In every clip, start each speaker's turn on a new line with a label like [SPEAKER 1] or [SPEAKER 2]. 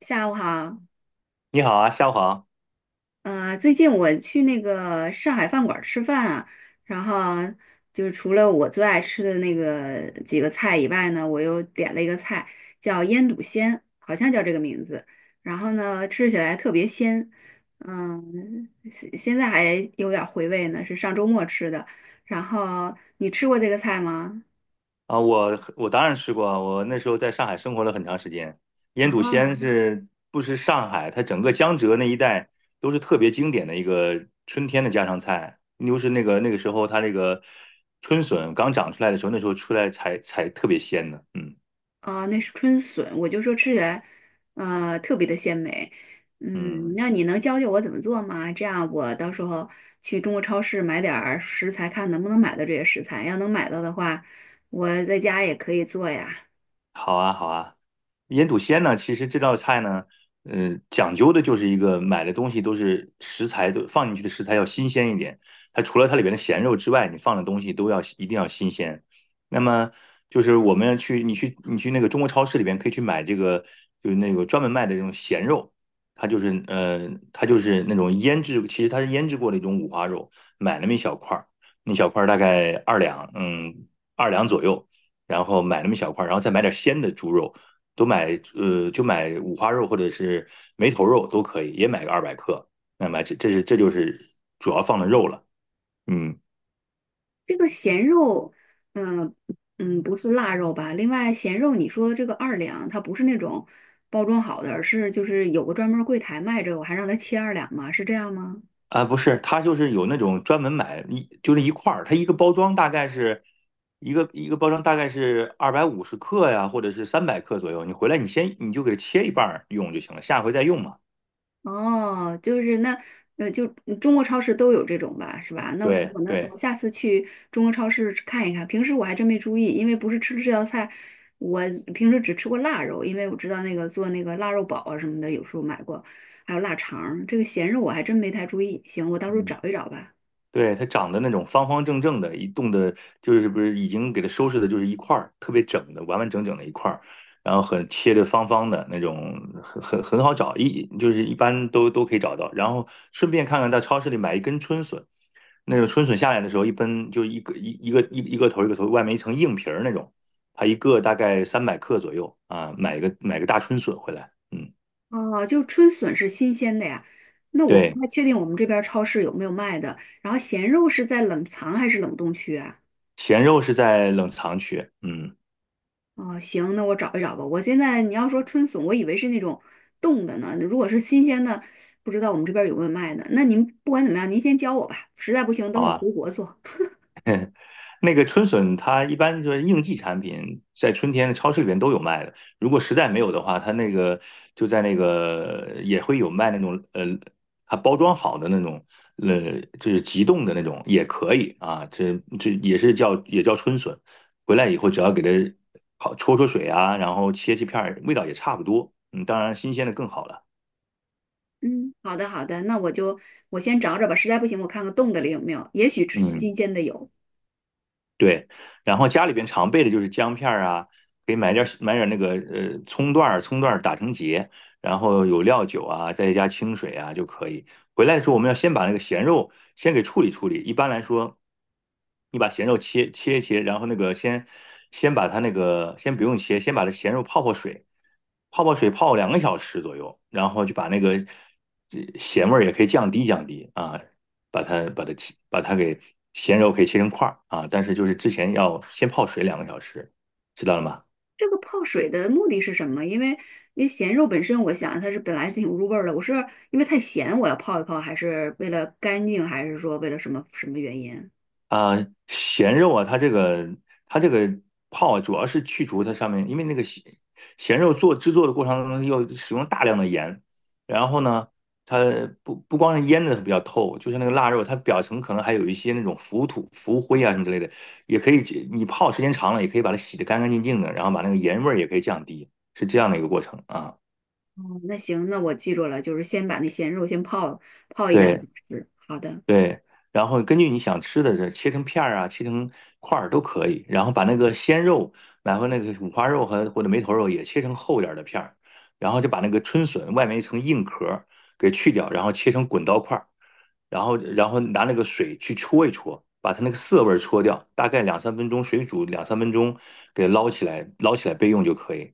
[SPEAKER 1] 下午好，
[SPEAKER 2] 你好啊，夏黄
[SPEAKER 1] 最近我去那个上海饭馆儿吃饭啊，然后就是除了我最爱吃的那个几个菜以外呢，我又点了一个菜叫腌笃鲜，好像叫这个名字，然后呢吃起来特别鲜，现在还有点儿回味呢，是上周末吃的。然后你吃过这个菜吗？
[SPEAKER 2] 啊，我当然吃过啊，我那时候在上海生活了很长时间。腌笃鲜
[SPEAKER 1] 啊。
[SPEAKER 2] 是不是上海，它整个江浙那一带都是特别经典的一个春天的家常菜。又是那个时候，它那个春笋刚长出来的时候，那时候出来才特别鲜的。嗯
[SPEAKER 1] 啊，那是春笋，我就说吃起来，特别的鲜美。
[SPEAKER 2] 嗯。
[SPEAKER 1] 那你能教教我怎么做吗？这样我到时候去中国超市买点儿食材，看能不能买到这些食材。要能买到的话，我在家也可以做呀。
[SPEAKER 2] 好啊，好啊。腌笃鲜呢，其实这道菜呢，讲究的就是一个买的东西都是食材，都放进去的食材要新鲜一点。它除了它里边的咸肉之外，你放的东西都要，一定要新鲜。那么就是我们去，你去那个中国超市里边可以去买这个，就是那个专门卖的这种咸肉，它就是那种腌制，其实它是腌制过的一种五花肉，买那么一小块儿，那小块儿大概二两，二两左右。然后买那么小块，然后再买点鲜的猪肉，都买，就买五花肉或者是梅头肉都可以，也买个200克。那么这就是主要放的肉了。嗯。
[SPEAKER 1] 这个咸肉，嗯不是腊肉吧？另外，咸肉你说这个二两，它不是那种包装好的，而是就是有个专门儿柜台卖这个我还让他切二两吗？是这样吗？
[SPEAKER 2] 啊，不是，它就是有那种专门买，一就是一块儿，它一个包装大概是一个包装大概是250克呀，或者是三百克左右。你回来你先，你就给它切一半儿用就行了，下回再用嘛。
[SPEAKER 1] 哦，就是那，就中国超市都有这种吧，是吧？那我行，
[SPEAKER 2] 对，
[SPEAKER 1] 那我
[SPEAKER 2] 对。
[SPEAKER 1] 下次去中国超市看一看。平时我还真没注意，因为不是吃这道菜，我平时只吃过腊肉，因为我知道那个做那个腊肉煲啊什么的，有时候买过，还有腊肠儿这个咸肉我还真没太注意。行，我到时候
[SPEAKER 2] 嗯。
[SPEAKER 1] 找一找吧。
[SPEAKER 2] 对，它长得那种方方正正的，一冻的，就是不是已经给它收拾的，就是一块儿特别整的，完完整整的一块儿，然后很切的方方的那种，很好找，一就是一般都可以找到。然后顺便看看，到超市里买一根春笋，那种春笋下来的时候，一根就一个头，外面一层硬皮儿那种，它一个大概三百克左右啊，买个大春笋回来。嗯。
[SPEAKER 1] 哦，就春笋是新鲜的呀，那我不
[SPEAKER 2] 对，
[SPEAKER 1] 太确定我们这边儿超市有没有卖的。然后咸肉是在冷藏还是冷冻区啊？
[SPEAKER 2] 咸肉是在冷藏区。嗯。
[SPEAKER 1] 哦，行，那我找一找吧。我现在你要说春笋，我以为是那种冻的呢。如果是新鲜的，不知道我们这边儿有没有卖的。那您不管怎么样，您先教我吧。实在不行，
[SPEAKER 2] 好
[SPEAKER 1] 等我
[SPEAKER 2] 啊。
[SPEAKER 1] 回国做。
[SPEAKER 2] 那个春笋，它一般就是应季产品，在春天的超市里边都有卖的。如果实在没有的话，它那个，就在那个也会有卖那种，它包装好的那种，就是急冻的那种也可以啊。这也是叫，也叫春笋，回来以后只要给它好焯焯水啊，然后切切片儿，味道也差不多。嗯，当然新鲜的更好了。
[SPEAKER 1] 嗯，好的好的，那我先找找吧。实在不行，我看看冻的里有没有，也许吃
[SPEAKER 2] 嗯。
[SPEAKER 1] 新鲜的有。
[SPEAKER 2] 对，然后家里边常备的就是姜片儿啊，可以买点儿那个，葱段儿，葱段儿打成结，然后有料酒啊，再加清水啊就可以。回来的时候，我们要先把那个咸肉先给处理处理。一般来说，你把咸肉切一切，然后那个，先把它那个，先不用切，先把它咸肉泡泡水，泡两个小时左右，然后就把那个，这咸味儿也可以降低降低啊，把它把它切把它给咸肉可以切成块儿啊，但是就是之前要先泡水两个小时，知道了吗？
[SPEAKER 1] 这个泡水的目的是什么？因为咸肉本身，我想它是本来就挺入味儿的。我是因为太咸，我要泡一泡，还是为了干净，还是说为了什么什么原因？
[SPEAKER 2] 啊、咸肉啊，它这个泡啊，主要是去除它上面，因为那个，咸肉制作的过程当中要使用大量的盐，然后呢，它不光是腌的比较透，就是那个腊肉，它表层可能还有一些那种浮土、浮灰啊什么之类的，也可以你泡时间长了，也可以把它洗得干干净净的，然后把那个盐味儿也可以降低，是这样的一个过程啊。
[SPEAKER 1] 哦，那行，那我记住了，就是先把那咸肉先泡泡一两个
[SPEAKER 2] 对，
[SPEAKER 1] 小时。好的，
[SPEAKER 2] 对，然后根据你想吃的，这切成片儿啊，切成块儿都可以。然后把那个鲜肉，然后那个五花肉，或者梅头肉也切成厚点儿的片儿，然后就把那个春笋外面一层硬壳儿给去掉，然后切成滚刀块儿，然后拿那个水去戳一戳，把它那个涩味儿戳掉，大概两三分钟，水煮两三分钟，给捞起来，捞起来备用就可以。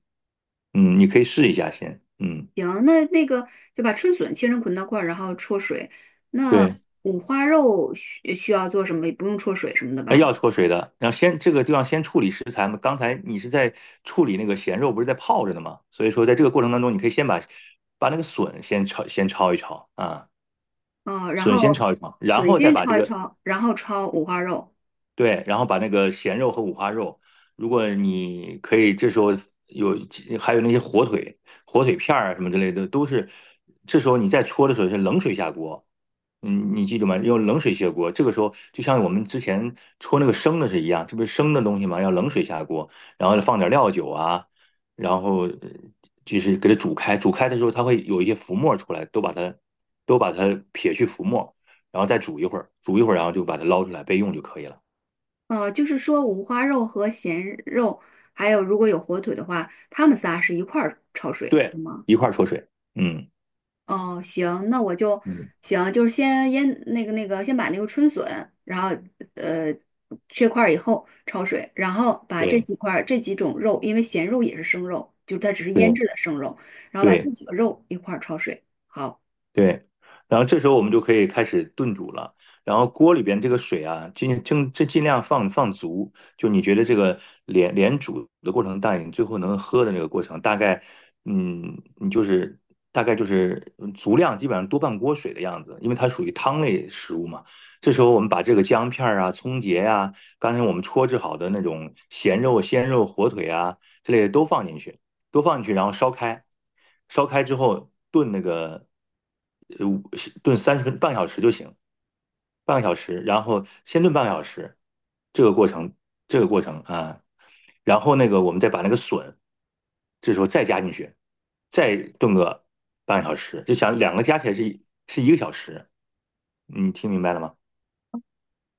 [SPEAKER 2] 嗯，你可以试一下先。嗯。
[SPEAKER 1] 行，那个就把春笋切成捆刀块儿，然后焯水。那
[SPEAKER 2] 对。
[SPEAKER 1] 五花肉需要做什么？不用焯水什么的
[SPEAKER 2] 哎，
[SPEAKER 1] 吧？
[SPEAKER 2] 要焯水的，然后先，这个地方先处理食材嘛。刚才你是在处理那个咸肉，不是在泡着的吗？所以说，在这个过程当中，你可以先把，那个笋先焯，先焯一焯啊，
[SPEAKER 1] 啊、然
[SPEAKER 2] 笋先
[SPEAKER 1] 后
[SPEAKER 2] 焯一焯，然
[SPEAKER 1] 笋
[SPEAKER 2] 后再
[SPEAKER 1] 先
[SPEAKER 2] 把
[SPEAKER 1] 焯一焯，然后焯五花肉。
[SPEAKER 2] 对，然后把那个咸肉和五花肉，如果你可以，这时候有还有那些火腿、火腿片儿啊什么之类的，都是，这时候你再焯的时候是冷水下锅。嗯，你记住吗？用冷水下锅。这个时候就像我们之前搓那个生的是一样，这不是生的东西吗？要冷水下锅，然后放点料酒啊，然后，就是给它煮开。煮开的时候，它会有一些浮沫出来，都把它撇去浮沫，然后再煮一会儿，煮一会儿，然后就把它捞出来备用就可以了。
[SPEAKER 1] 就是说五花肉和咸肉，还有如果有火腿的话，它们仨是一块儿焯水，是
[SPEAKER 2] 对，
[SPEAKER 1] 吗？
[SPEAKER 2] 一块儿焯水。嗯，
[SPEAKER 1] 哦，行，那我就
[SPEAKER 2] 嗯。
[SPEAKER 1] 行，就是先腌那个，先把那个春笋，然后呃切块儿以后焯水，然后把这
[SPEAKER 2] 对，
[SPEAKER 1] 几块儿这几种肉，因为咸肉也是生肉，就它只是腌
[SPEAKER 2] 对，
[SPEAKER 1] 制的生肉，然后把这
[SPEAKER 2] 对。
[SPEAKER 1] 几个肉一块儿焯水。好，
[SPEAKER 2] 对，然后这时候我们就可以开始炖煮了。然后锅里边这个水啊，尽量放放足，就你觉得这个煮的过程大，你最后能喝的那个过程，大概，你就是大概就是，足量，基本上多半锅水的样子，因为它属于汤类食物嘛。这时候我们把这个姜片儿啊、葱节呀、刚才我们搓制好的那种咸肉、鲜肉、火腿啊之类的都放进去。都放进去，然后烧开，烧开之后炖那个，呃，炖，三十分半个小时就行，半个小时，然后先炖半个小时。这个过程，这个过程啊，然后那个我们再把那个笋，这时候再加进去，再炖个半个小时，就想两个加起来是一个小时，你听明白了吗？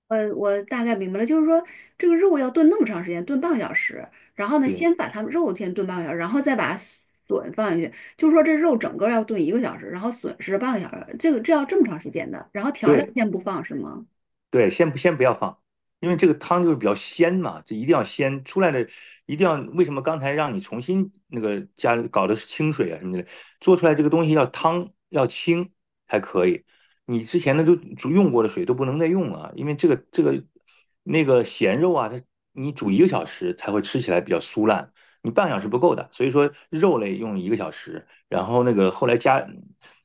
[SPEAKER 1] 我大概明白了，就是说这个肉要炖那么长时间，炖半个小时，然后呢，
[SPEAKER 2] 对
[SPEAKER 1] 先把它们肉先炖半个小时，然后再把笋放进去，就是说这肉整个要炖一个小时，然后笋是半个小时，这个这要这么长时间的，然后调料
[SPEAKER 2] 对，
[SPEAKER 1] 先不放是吗？
[SPEAKER 2] 对，先不要放，因为这个汤就是比较鲜嘛，这一定要鲜出来的，一定要，为什么刚才让你重新那个，搞的是清水啊什么的，做出来这个东西要汤要清才可以，你之前的都用过的水都不能再用了啊，因为那个咸肉啊，你煮一个小时才会吃起来比较酥烂，你半个小时不够的，所以说肉类用一个小时，然后那个，后来加，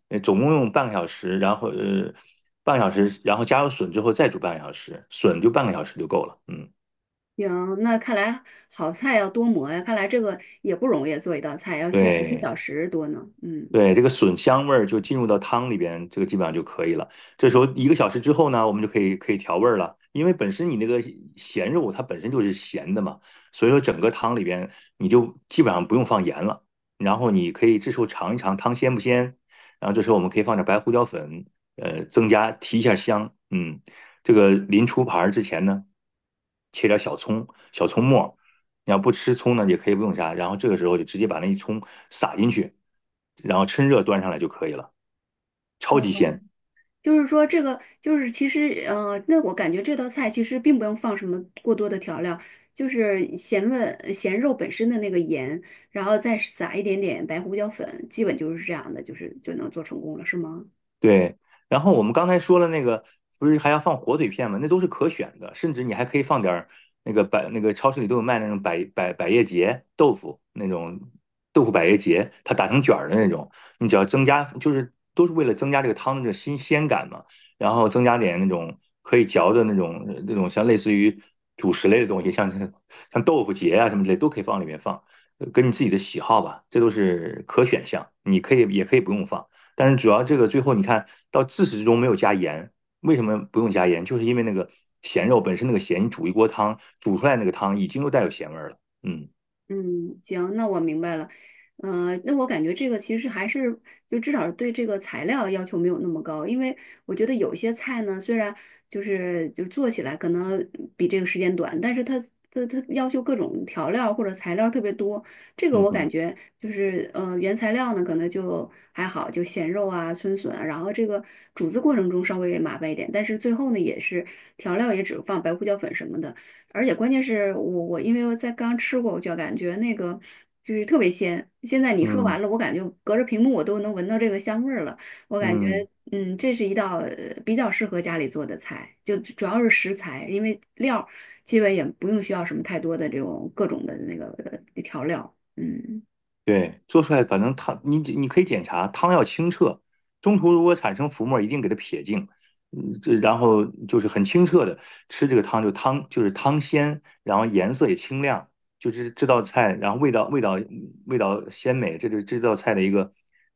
[SPEAKER 2] 总共用半个小时，然后，半个小时，然后加入笋之后再煮半个小时，笋就半个小时就够了。嗯。
[SPEAKER 1] 行，那看来好菜要多磨呀，看来这个也不容易做一道菜，要需要一个小
[SPEAKER 2] 对。
[SPEAKER 1] 时多呢。嗯，
[SPEAKER 2] 对，这个笋香味儿就进入到汤里边，这个基本上就可以了。这时候一个小时之后呢，我们就可以调味儿了，因为本身你那个咸肉它本身就是咸的嘛，所以说整个汤里边你就基本上不用放盐了。然后你可以这时候尝一尝汤鲜不鲜，然后这时候我们可以放点白胡椒粉，增加，提一下香。嗯，这个临出盘儿之前呢，切点小葱、小葱末儿，你要不吃葱呢，也可以不用杀，然后这个时候就直接把那一葱撒进去，然后趁热端上来就可以了，超级
[SPEAKER 1] 哦，
[SPEAKER 2] 鲜。
[SPEAKER 1] 就是说这个就是其实那我感觉这道菜其实并不用放什么过多的调料，就是咸味、咸肉本身的那个盐，然后再撒一点点白胡椒粉，基本就是这样的，就是就能做成功了，是吗？
[SPEAKER 2] 对，然后我们刚才说了那个，不是还要放火腿片吗？那都是可选的，甚至你还可以放点儿那个百那个超市里都有卖那种，百叶结豆腐，那种豆腐百叶结，它打成卷儿的那种，你只要增加，就是都是为了增加这个汤的这个新鲜感嘛，然后增加点那种可以嚼的那种，类似于主食类的东西，像豆腐结啊什么之类都可以放里面放，跟你自己的喜好吧，这都是可选项，你可以，也可以不用放。但是主要这个最后你看到自始至终没有加盐，为什么不用加盐？就是因为那个咸肉本身那个咸，你煮一锅汤，煮出来那个汤已经都带有咸味儿了。嗯，
[SPEAKER 1] 嗯，行，那我明白了。那我感觉这个其实还是就至少对这个材料要求没有那么高，因为我觉得有一些菜呢，虽然就做起来可能比这个时间短，但是它要求各种调料或者材料特别多，这个
[SPEAKER 2] 嗯，
[SPEAKER 1] 我感
[SPEAKER 2] 嗯，
[SPEAKER 1] 觉就是原材料呢可能就还好，就咸肉啊、春笋啊，然后这个煮制过程中稍微麻烦一点，但是最后呢也是调料也只放白胡椒粉什么的。而且关键是我因为我在刚吃过，我就感觉那个就是特别鲜。现在你说完
[SPEAKER 2] 嗯，
[SPEAKER 1] 了，我感觉隔着屏幕我都能闻到这个香味儿了。我感觉
[SPEAKER 2] 嗯。
[SPEAKER 1] 这是一道比较适合家里做的菜，就主要是食材，因为料儿基本也不用需要什么太多的这种各种的那个调料。嗯
[SPEAKER 2] 对，做出来反正汤，你可以检查汤要清澈，中途如果产生浮沫一定给它撇净。嗯，这，然后就是很清澈的吃这个汤，就是汤鲜，然后颜色也清亮，就是这道菜，然后味道鲜美，这就是这道菜的一个，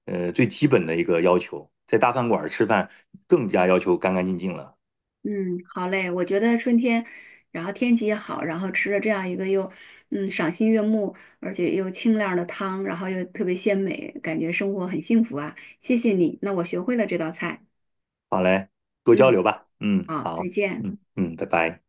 [SPEAKER 2] 最基本的一个要求。在大饭馆儿吃饭更加要求干干净净了。
[SPEAKER 1] 嗯，好嘞，我觉得春天，然后天气也好，然后吃了这样一个又赏心悦目，而且又清亮的汤，然后又特别鲜美，感觉生活很幸福啊！谢谢你，那我学会了这道菜。
[SPEAKER 2] 好嘞，多交流
[SPEAKER 1] 嗯，
[SPEAKER 2] 吧。嗯，
[SPEAKER 1] 好，再
[SPEAKER 2] 好。
[SPEAKER 1] 见。
[SPEAKER 2] 嗯，嗯，拜拜。